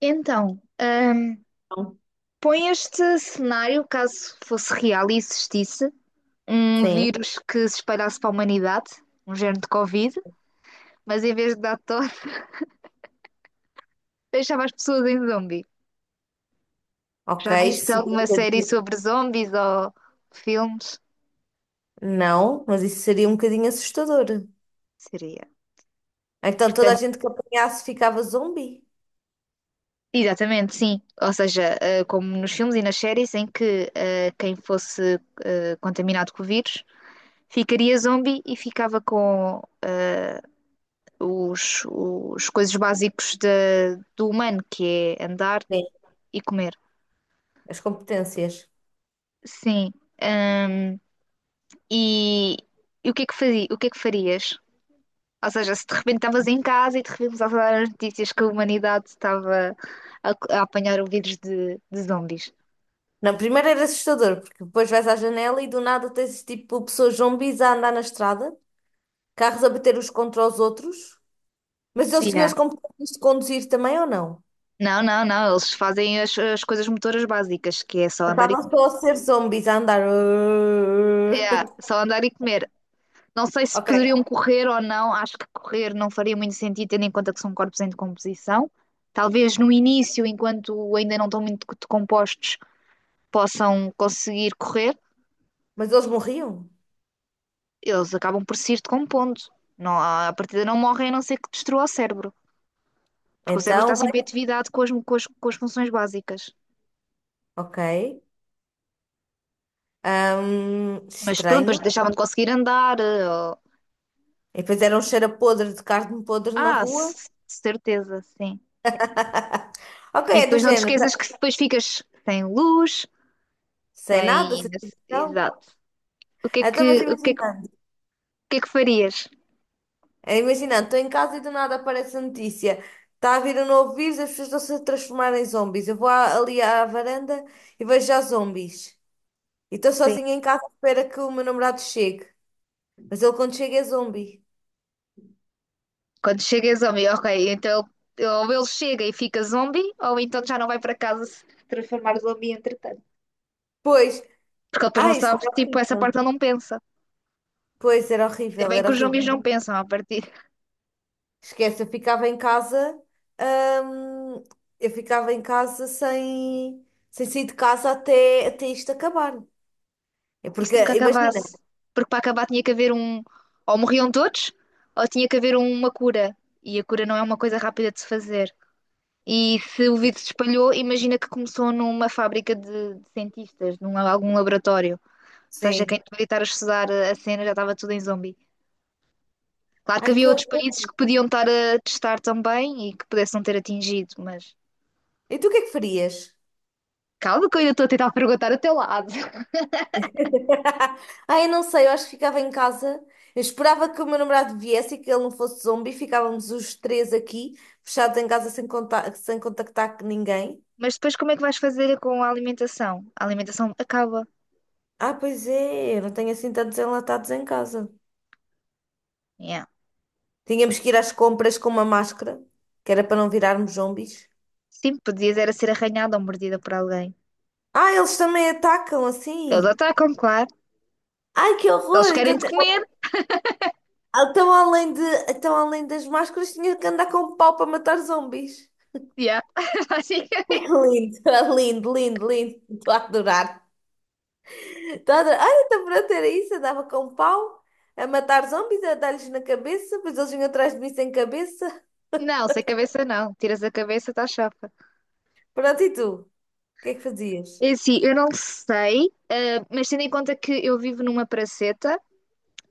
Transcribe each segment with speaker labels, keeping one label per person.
Speaker 1: Então, põe este cenário, caso fosse real e existisse, um
Speaker 2: Sim,
Speaker 1: vírus que se espalhasse para a humanidade, um género de Covid, mas em vez de dar tosse, deixava as pessoas em zombie. Já
Speaker 2: ok.
Speaker 1: viste
Speaker 2: Seria um
Speaker 1: alguma série
Speaker 2: bocadinho-
Speaker 1: sobre zombies ou filmes?
Speaker 2: Não, mas isso seria um bocadinho assustador.
Speaker 1: Seria.
Speaker 2: Então toda a
Speaker 1: Portanto,
Speaker 2: gente que apanhasse ficava zombi.
Speaker 1: exatamente, sim. Ou seja, como nos filmes e nas séries em que quem fosse contaminado com o vírus ficaria zombie e ficava com os coisas básicos do humano, que é andar
Speaker 2: Sim,
Speaker 1: e comer.
Speaker 2: as competências.
Speaker 1: Sim. Ahm, e, e o que é que fazia, o que é que farias? Ou seja, se de repente estavas em casa e de repente começavas a dar as notícias que a humanidade estava a, a apanhar o vírus de zombies.
Speaker 2: Não, primeiro era assustador, porque depois vais à janela e do nada tens tipo pessoas zumbis a andar na estrada, carros a bater uns contra os outros, mas eles tinham
Speaker 1: Yeah.
Speaker 2: as competências de conduzir também ou não?
Speaker 1: Não, não, não, eles fazem as coisas motoras básicas, que é só
Speaker 2: Ou
Speaker 1: andar e
Speaker 2: estavam
Speaker 1: comer.
Speaker 2: só a ser zumbis a andar.
Speaker 1: Yeah, só andar e comer. Não sei se
Speaker 2: Ok,
Speaker 1: poderiam correr ou não, acho que correr não faria muito sentido, tendo em conta que são corpos em decomposição. Talvez no início, enquanto ainda não estão muito decompostos, possam conseguir correr,
Speaker 2: mas eles morriam.
Speaker 1: eles acabam por se ir decompondo. Não, a partida não morrem a não ser que destrua o cérebro, porque o cérebro
Speaker 2: Então
Speaker 1: está
Speaker 2: vai.
Speaker 1: sempre em atividade com as funções básicas.
Speaker 2: Ok.
Speaker 1: Mas pronto, depois
Speaker 2: Estranho.
Speaker 1: deixavam de conseguir andar.
Speaker 2: E depois era um cheiro a podre de carne podre na
Speaker 1: Ah,
Speaker 2: rua.
Speaker 1: certeza, sim.
Speaker 2: Ok,
Speaker 1: E
Speaker 2: é do
Speaker 1: depois não te
Speaker 2: género.
Speaker 1: esqueças
Speaker 2: Tá-
Speaker 1: que depois ficas sem luz,
Speaker 2: Sem nada,
Speaker 1: sem.
Speaker 2: sem televisão.
Speaker 1: Exato. O que é
Speaker 2: Então, mas
Speaker 1: que, o que é que, o
Speaker 2: imaginando,
Speaker 1: que é que farias?
Speaker 2: é, imaginando, estou em casa e do nada aparece a notícia. Está a vir um novo vírus, as pessoas estão-se a transformar em zombies. Eu vou à- ali à varanda e vejo já zombies. E estou
Speaker 1: Sim.
Speaker 2: sozinha em casa à espera que o meu namorado chegue. Mas ele quando chega é zombie.
Speaker 1: Quando chega zombie, ok, então ou ele chega e fica zombie, ou então já não vai para casa se transformar zombie entretanto.
Speaker 2: Pois,
Speaker 1: Porque ele depois não
Speaker 2: ai, isso
Speaker 1: sabe,
Speaker 2: era
Speaker 1: tipo, essa
Speaker 2: horrível.
Speaker 1: parte ele não pensa.
Speaker 2: Pois, era
Speaker 1: Ainda
Speaker 2: horrível,
Speaker 1: bem
Speaker 2: era
Speaker 1: que os zombies
Speaker 2: horrível.
Speaker 1: não pensam a partir.
Speaker 2: Esquece, eu ficava em casa, hum, eu ficava em casa sem, sem sair de casa até, até isto acabar. É
Speaker 1: Isso
Speaker 2: porque,
Speaker 1: nunca
Speaker 2: imagina,
Speaker 1: acabasse. Porque para acabar tinha que haver um. Ou morriam todos, ou tinha que haver uma cura. E a cura não é uma coisa rápida de se fazer. E se o vírus se espalhou, imagina que começou numa fábrica de cientistas, num algum laboratório. Ou seja,
Speaker 2: sim.
Speaker 1: quem devia estar a estudar a cena já estava tudo em zombi. Claro que
Speaker 2: Ai,
Speaker 1: havia
Speaker 2: que
Speaker 1: outros países
Speaker 2: horror.
Speaker 1: que podiam estar a testar também e que pudessem não ter atingido, mas
Speaker 2: E tu o que é que farias?
Speaker 1: calma que eu ainda estou a tentar perguntar ao teu lado.
Speaker 2: Ai, eu não sei, eu acho que ficava em casa. Eu esperava que o meu namorado viesse e que ele não fosse zombi. Ficávamos os três aqui, fechados em casa sem conta- sem contactar com ninguém.
Speaker 1: Mas depois como é que vais fazer com a alimentação? A alimentação acaba.
Speaker 2: Ah, pois é, eu não tenho assim tantos enlatados em casa.
Speaker 1: Yeah.
Speaker 2: Tínhamos que ir às compras com uma máscara, que era para não virarmos zombies.
Speaker 1: Sim, podias era ser arranhada ou mordida por alguém.
Speaker 2: Ah, eles também atacam
Speaker 1: Eles
Speaker 2: assim.
Speaker 1: atacam, claro.
Speaker 2: Ai, que horror!
Speaker 1: Eles querem
Speaker 2: Então,
Speaker 1: te comer.
Speaker 2: então, além de, então, além das máscaras, tinha que andar com um pau para matar zombies.
Speaker 1: Yeah. Basicamente.
Speaker 2: Lindo, é lindo, lindo, lindo. Estou a adorar. Estou a adorar. Ai, então pronto, era isso. Andava com um pau a matar zombies, a dar-lhes na cabeça, depois eles vinham atrás de mim sem cabeça.
Speaker 1: Não, sem cabeça não. Tiras a cabeça, está chapa.
Speaker 2: Pronto, e tu? O que é que fazias?
Speaker 1: É assim, eu não sei, mas tendo em conta que eu vivo numa praceta,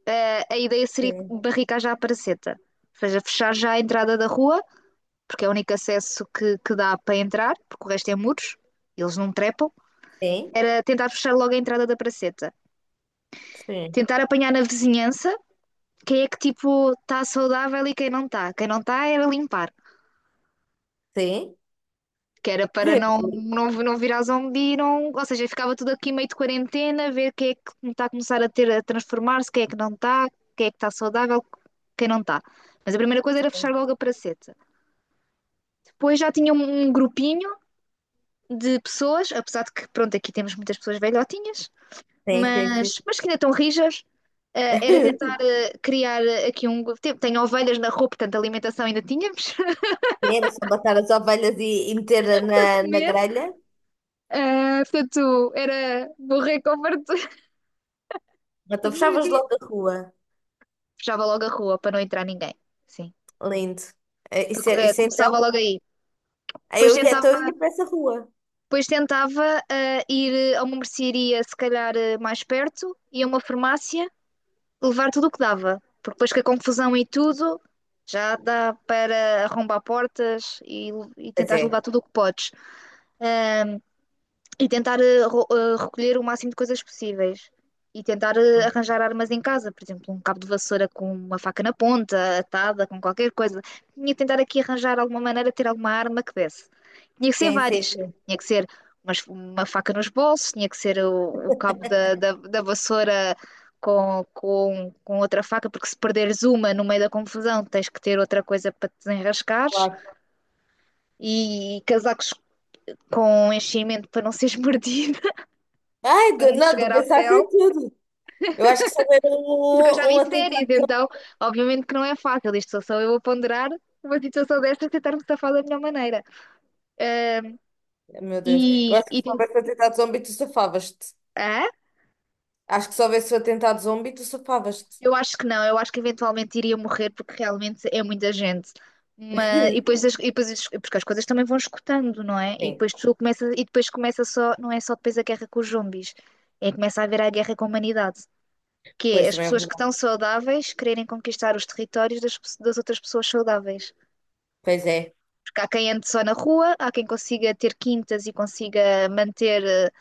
Speaker 1: a ideia seria
Speaker 2: Sim.
Speaker 1: barricar já a Paraceta, ou seja, fechar já a entrada da rua, porque é o único acesso que dá para entrar, porque o resto é muros, eles não trepam.
Speaker 2: Sim,
Speaker 1: Era tentar fechar logo a entrada da Paraceta,
Speaker 2: sim,
Speaker 1: tentar apanhar na vizinhança quem é que tipo está saudável e quem não está. Quem não está era limpar.
Speaker 2: sim.
Speaker 1: Que era para não, não, não virar zombi, não, ou seja, ficava tudo aqui meio de quarentena, ver quem é que está a começar a ter a transformar-se, quem é que não está, quem é que está saudável, quem não está. Mas a primeira coisa era fechar logo a praceta. Depois já tinha um grupinho de pessoas, apesar de que, pronto, aqui temos muitas pessoas velhotinhas,
Speaker 2: Sim, sim, sim.
Speaker 1: mas que ainda estão rijas. Era tentar criar aqui um. Tenho ovelhas na rua, portanto, alimentação ainda tínhamos
Speaker 2: Era só matar as ovelhas e meter na,
Speaker 1: para
Speaker 2: na
Speaker 1: comer.
Speaker 2: grelha.
Speaker 1: Portanto, era borrei com fartura
Speaker 2: Então
Speaker 1: todos os
Speaker 2: fechavas
Speaker 1: dias.
Speaker 2: logo a rua.
Speaker 1: Fechava logo a rua para não entrar ninguém. Sim.
Speaker 2: Lindo. Eh, isso,
Speaker 1: Para
Speaker 2: é- isso é então?
Speaker 1: começava logo aí.
Speaker 2: Aí
Speaker 1: Depois
Speaker 2: eu ia,
Speaker 1: tentava,
Speaker 2: então eu ia para essa rua.
Speaker 1: depois tentava ir a uma mercearia, se calhar mais perto, e a uma farmácia. Levar tudo o que dava, porque depois com a confusão e tudo, já dá para arrombar portas e
Speaker 2: Pois
Speaker 1: tentar
Speaker 2: é.
Speaker 1: levar tudo o que podes. Ahm, e tentar recolher o máximo de coisas possíveis. E tentar arranjar armas em casa, por exemplo, um cabo de vassoura com uma faca na ponta, atada, com qualquer coisa. Tinha que tentar aqui arranjar alguma maneira de ter alguma arma que desse. Tinha que ser
Speaker 2: Sim, sim,
Speaker 1: várias.
Speaker 2: sim.
Speaker 1: Tinha que ser uma faca nos bolsos, tinha que ser o cabo da vassoura com outra faca, porque se perderes uma no meio da confusão, tens que ter outra coisa para te desenrascares.
Speaker 2: Claro.
Speaker 1: E casacos com enchimento para não seres mordido
Speaker 2: Ai, de,
Speaker 1: para antes
Speaker 2: não, de
Speaker 1: chegar à
Speaker 2: pensar
Speaker 1: pele,
Speaker 2: em tudo. Eu acho que se houver
Speaker 1: porque eu já
Speaker 2: um, um
Speaker 1: vi séries,
Speaker 2: atentado.
Speaker 1: então obviamente que não é fácil. Isto sou só eu a ponderar uma situação desta e tentar me safar da melhor maneira. Ahm,
Speaker 2: Meu Deus. Eu
Speaker 1: e,
Speaker 2: acho que
Speaker 1: e
Speaker 2: se
Speaker 1: tem-
Speaker 2: houvesse um atentado zombie, tu safavas-te.
Speaker 1: Hã?
Speaker 2: Acho que se houvesse um atentado zombie, tu safavas-te.
Speaker 1: Eu acho que não, eu acho que eventualmente iria morrer porque realmente é muita gente. Mas, e depois, porque as coisas também vão escutando, não é? E
Speaker 2: Sim,
Speaker 1: depois tu começa, e depois começa só, não é só depois a guerra com os zombies, é que começa a haver a guerra com a humanidade, que é
Speaker 2: pois
Speaker 1: as
Speaker 2: também é
Speaker 1: pessoas que
Speaker 2: verdade.
Speaker 1: estão saudáveis quererem conquistar os territórios das outras pessoas saudáveis.
Speaker 2: Pois é.
Speaker 1: Porque há quem ande só na rua, há quem consiga ter quintas e consiga manter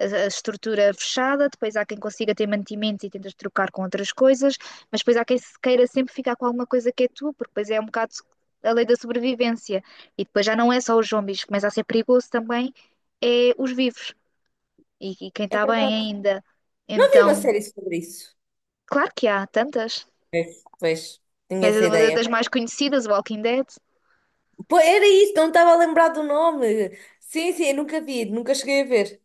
Speaker 1: a estrutura fechada, depois há quem consiga ter mantimentos e tentas trocar com outras coisas, mas depois há quem se queira sempre ficar com alguma coisa que é tu, porque depois é um bocado a lei da sobrevivência. E depois já não é só os zombies, começa a ser perigoso também, é os vivos e quem
Speaker 2: É
Speaker 1: está bem
Speaker 2: verdade.
Speaker 1: ainda.
Speaker 2: Não havia uma
Speaker 1: Então,
Speaker 2: série sobre isso.
Speaker 1: claro que há tantas.
Speaker 2: Pois, pois. Tinha
Speaker 1: Tens
Speaker 2: essa
Speaker 1: uma
Speaker 2: ideia.
Speaker 1: das mais conhecidas, Walking Dead.
Speaker 2: Pô, era isso, não estava a lembrar do nome. Sim, sim, eu nunca vi, nunca cheguei a ver.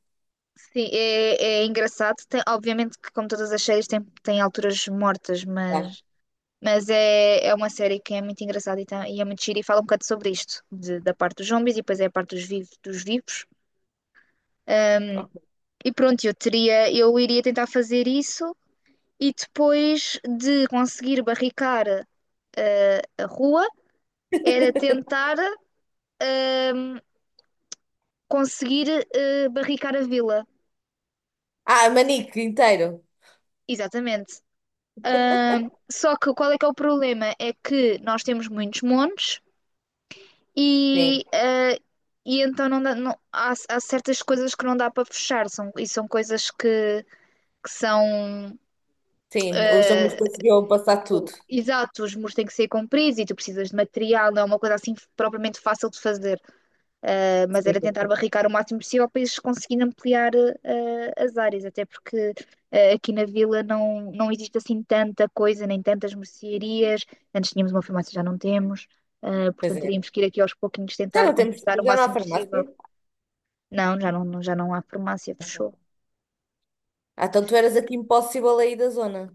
Speaker 1: Sim, é engraçado. Obviamente que, como todas as séries, tem alturas mortas,
Speaker 2: Tá.
Speaker 1: mas é uma série que é muito engraçada e é muito gira e fala um bocado sobre isto, da parte dos zombies e depois é a parte dos vivos, dos vivos.
Speaker 2: Ok.
Speaker 1: E pronto, eu iria tentar fazer isso e depois de conseguir barricar a rua, era tentar ehm, conseguir barricar a vila.
Speaker 2: Ah, Manique inteiro.
Speaker 1: Exatamente. Só que qual é que é o problema? É que nós temos muitos montes
Speaker 2: Sim,
Speaker 1: e, ah, e então há certas coisas que não dá para fechar são, e são coisas que são
Speaker 2: sim, os homens
Speaker 1: ah,
Speaker 2: conseguiam passar tudo.
Speaker 1: exato, os muros têm que ser compridos e tu precisas de material, não é uma coisa assim propriamente fácil de fazer. Mas
Speaker 2: Sim,
Speaker 1: era tentar barricar o máximo possível para eles conseguirem ampliar as áreas, até porque aqui na vila não existe assim tanta coisa, nem tantas mercearias. Antes tínhamos uma farmácia, já não temos,
Speaker 2: pois
Speaker 1: portanto
Speaker 2: é.
Speaker 1: teríamos que ir aqui aos pouquinhos
Speaker 2: Já
Speaker 1: tentar
Speaker 2: não temos,
Speaker 1: conquistar o
Speaker 2: já não há
Speaker 1: máximo possível.
Speaker 2: farmácia.
Speaker 1: Não, já não, já não há farmácia,
Speaker 2: Ok.
Speaker 1: fechou.
Speaker 2: Ah, então tu eras aqui impossível aí da zona.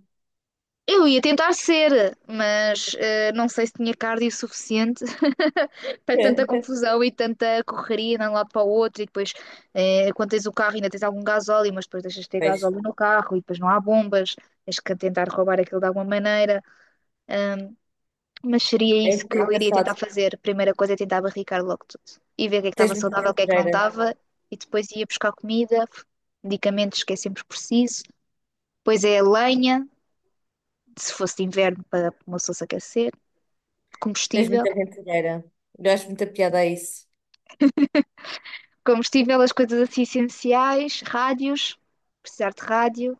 Speaker 1: Eu ia tentar ser, mas não sei se tinha cardio suficiente para tanta
Speaker 2: É.
Speaker 1: confusão e tanta correria de um lado para o outro. E depois, quando tens o carro, ainda tens algum gasóleo, mas depois deixas de ter
Speaker 2: Pois,
Speaker 1: gasóleo no carro e depois não há bombas. Tens que tentar roubar aquilo de alguma maneira. Mas seria
Speaker 2: é
Speaker 1: isso
Speaker 2: muito
Speaker 1: que eu iria tentar
Speaker 2: engraçado.
Speaker 1: fazer. Primeira coisa é tentar barricar logo tudo e ver o que é que estava
Speaker 2: Tens muita
Speaker 1: saudável, o que é que não
Speaker 2: aventureira.
Speaker 1: estava. E depois ia buscar comida, medicamentos que é sempre preciso. Depois é a lenha, se fosse de inverno, para uma pessoa se aquecer.
Speaker 2: Tens
Speaker 1: Combustível,
Speaker 2: muita aventureira. Eu acho muita piada a isso.
Speaker 1: combustível, as coisas assim essenciais, rádios, precisar de rádio,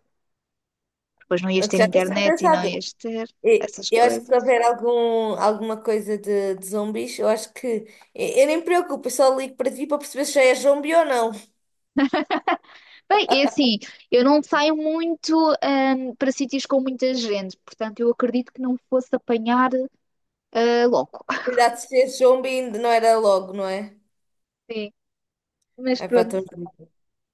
Speaker 1: depois não ias ter
Speaker 2: Já tens
Speaker 1: internet e não
Speaker 2: pensado.
Speaker 1: ias ter
Speaker 2: E-
Speaker 1: essas
Speaker 2: eu acho que se
Speaker 1: coisas.
Speaker 2: houver algum, alguma coisa de zombies, eu acho que. Eu nem me preocupo, eu só ligo para ti para perceber se já é zombie ou não.
Speaker 1: Bem, é assim, eu não saio muito para sítios com muita gente, portanto eu acredito que não fosse apanhar logo.
Speaker 2: Cuidado se é zombie ainda não era logo, não é?
Speaker 1: Sim. Mas
Speaker 2: É para
Speaker 1: pronto,
Speaker 2: todos.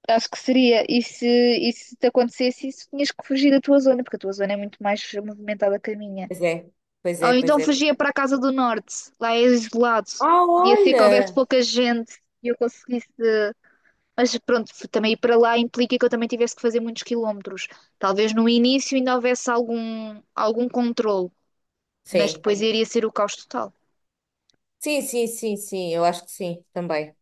Speaker 1: acho que seria. E se te acontecesse isso, tinhas que fugir da tua zona, porque a tua zona é muito mais movimentada que a minha.
Speaker 2: Pois é, pois
Speaker 1: Ou
Speaker 2: é, pois
Speaker 1: então
Speaker 2: é.
Speaker 1: fugia para a Casa do Norte, lá é isolado.
Speaker 2: Ah,
Speaker 1: Podia ser que houvesse
Speaker 2: olha!
Speaker 1: pouca gente e eu conseguisse. Mas pronto, também ir para lá implica que eu também tivesse que fazer muitos quilómetros. Talvez no início ainda houvesse algum controle, mas
Speaker 2: Sim,
Speaker 1: depois iria ser o caos total.
Speaker 2: sim, sim, sim, sim, eu acho que sim, também.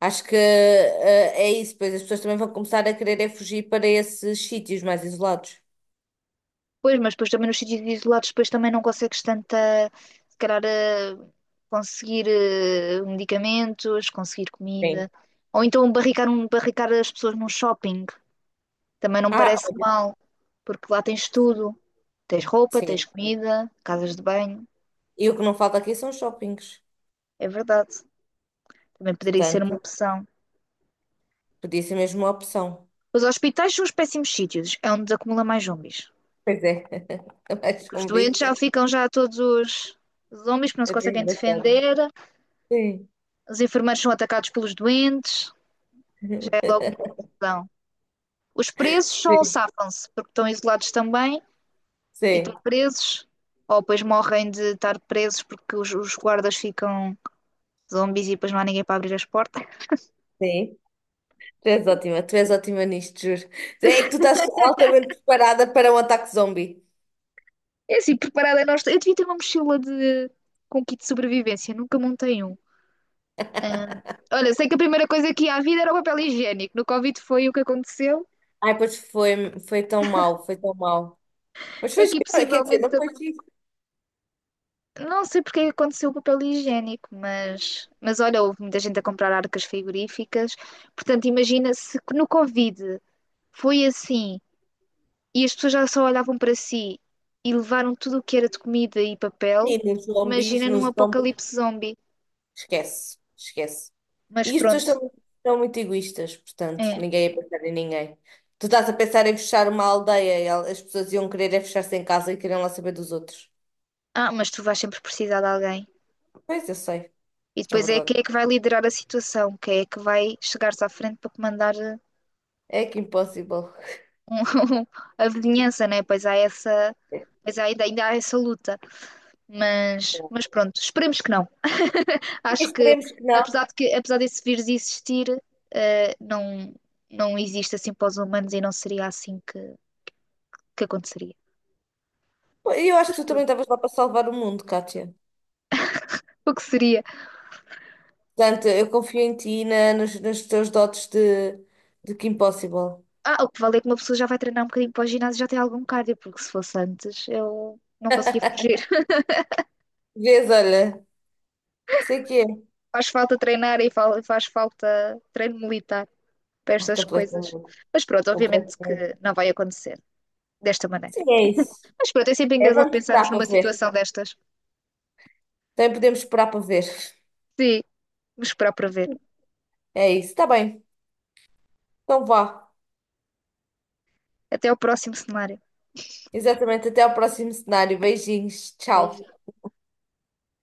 Speaker 2: Acho que é isso, pois as pessoas também vão começar a querer é fugir para esses sítios mais isolados.
Speaker 1: Pois, mas depois também nos sítios isolados, depois também não consegues tanta. Se calhar, conseguir medicamentos, conseguir
Speaker 2: Sim.
Speaker 1: comida. Ou então barricar as pessoas num shopping. Também não me
Speaker 2: Ah,
Speaker 1: parece mal, porque lá tens tudo. Tens roupa, tens
Speaker 2: sim.
Speaker 1: comida, casas de banho.
Speaker 2: E o que não falta aqui são shoppings.
Speaker 1: É verdade. Também poderia ser uma
Speaker 2: Portanto,
Speaker 1: opção.
Speaker 2: podia ser mesmo uma opção.
Speaker 1: Os hospitais são os péssimos sítios. É onde acumula mais zombies.
Speaker 2: Pois é, mais
Speaker 1: Que os doentes
Speaker 2: convicta.
Speaker 1: já ficam já todos os zombies que não se
Speaker 2: Eu tenho
Speaker 1: conseguem
Speaker 2: gostado.
Speaker 1: defender.
Speaker 2: Sim,
Speaker 1: Os enfermeiros são atacados pelos doentes. Já
Speaker 2: sim,
Speaker 1: é logo uma confusão. Os presos são
Speaker 2: sim,
Speaker 1: safam-se porque estão isolados também e estão presos. Ou depois morrem de estar presos porque os guardas ficam zombies e depois não há ninguém para abrir as portas.
Speaker 2: sim. Tu és ótima nisto, juro. É que tu estás altamente preparada para um ataque zombie.
Speaker 1: É assim, preparada nós. Eu devia ter uma mochila com kit de sobrevivência, nunca montei um. Olha, sei que a primeira coisa que ia à vida era o papel higiênico. No Covid foi o que aconteceu.
Speaker 2: Ai, pois foi, foi tão mal foi tão mal. Mas foi, giro,
Speaker 1: Aqui
Speaker 2: quer dizer, não
Speaker 1: possivelmente,
Speaker 2: foi giro.
Speaker 1: não sei porque é que aconteceu o papel higiênico, mas olha, houve muita gente a comprar arcas frigoríficas. Portanto, imagina se que no Covid foi assim e as pessoas já só olhavam para si e levaram tudo o que era de comida e papel.
Speaker 2: Sim,
Speaker 1: Imagina num
Speaker 2: nos zombies,
Speaker 1: apocalipse zombie.
Speaker 2: esquece, esquece.
Speaker 1: Mas
Speaker 2: E as pessoas
Speaker 1: pronto,
Speaker 2: são, são muito egoístas, portanto,
Speaker 1: é.
Speaker 2: ninguém ia pensar em ninguém. Tu estás a pensar em fechar uma aldeia, e el- as pessoas iam querer é fechar-se em casa e queriam lá saber dos outros.
Speaker 1: Ah, mas tu vais sempre precisar de alguém.
Speaker 2: Pois, eu sei.
Speaker 1: E
Speaker 2: É
Speaker 1: depois é
Speaker 2: verdade.
Speaker 1: quem é que vai liderar a situação, quem é que vai chegar-se à frente para comandar
Speaker 2: É que impossível.
Speaker 1: um- a vizinhança, né? Pois há essa, ainda há essa luta. Mas pronto, esperemos que não. Acho que
Speaker 2: Esperemos que não.
Speaker 1: apesar desse vírus existir, eh, não, não existe assim para os humanos e não seria assim que aconteceria.
Speaker 2: Eu acho que tu também estavas lá para salvar o mundo, Kátia.
Speaker 1: O que seria?
Speaker 2: Portanto, eu confio em ti e na, nos teus dotes de que impossível.
Speaker 1: Ah, o que vale é que uma pessoa já vai treinar um bocadinho para o ginásio e já tem algum cardio, porque se fosse antes eu não conseguia fugir.
Speaker 2: Vês, olha, sei que é.
Speaker 1: Faz falta treinar e faz falta treino militar. Para
Speaker 2: Ah,
Speaker 1: estas coisas.
Speaker 2: completamente,
Speaker 1: Mas pronto, obviamente que
Speaker 2: completamente.
Speaker 1: não vai acontecer desta maneira.
Speaker 2: Sim, é isso.
Speaker 1: Mas pronto, é sempre
Speaker 2: É,
Speaker 1: engraçado
Speaker 2: vamos
Speaker 1: pensarmos
Speaker 2: esperar para
Speaker 1: numa
Speaker 2: ver.
Speaker 1: situação destas.
Speaker 2: Também podemos esperar para ver.
Speaker 1: Sim, vamos esperar para ver.
Speaker 2: É isso, está bem. Então vá.
Speaker 1: Até ao próximo cenário.
Speaker 2: Exatamente, até ao próximo cenário. Beijinhos, tchau.
Speaker 1: Beijinhos.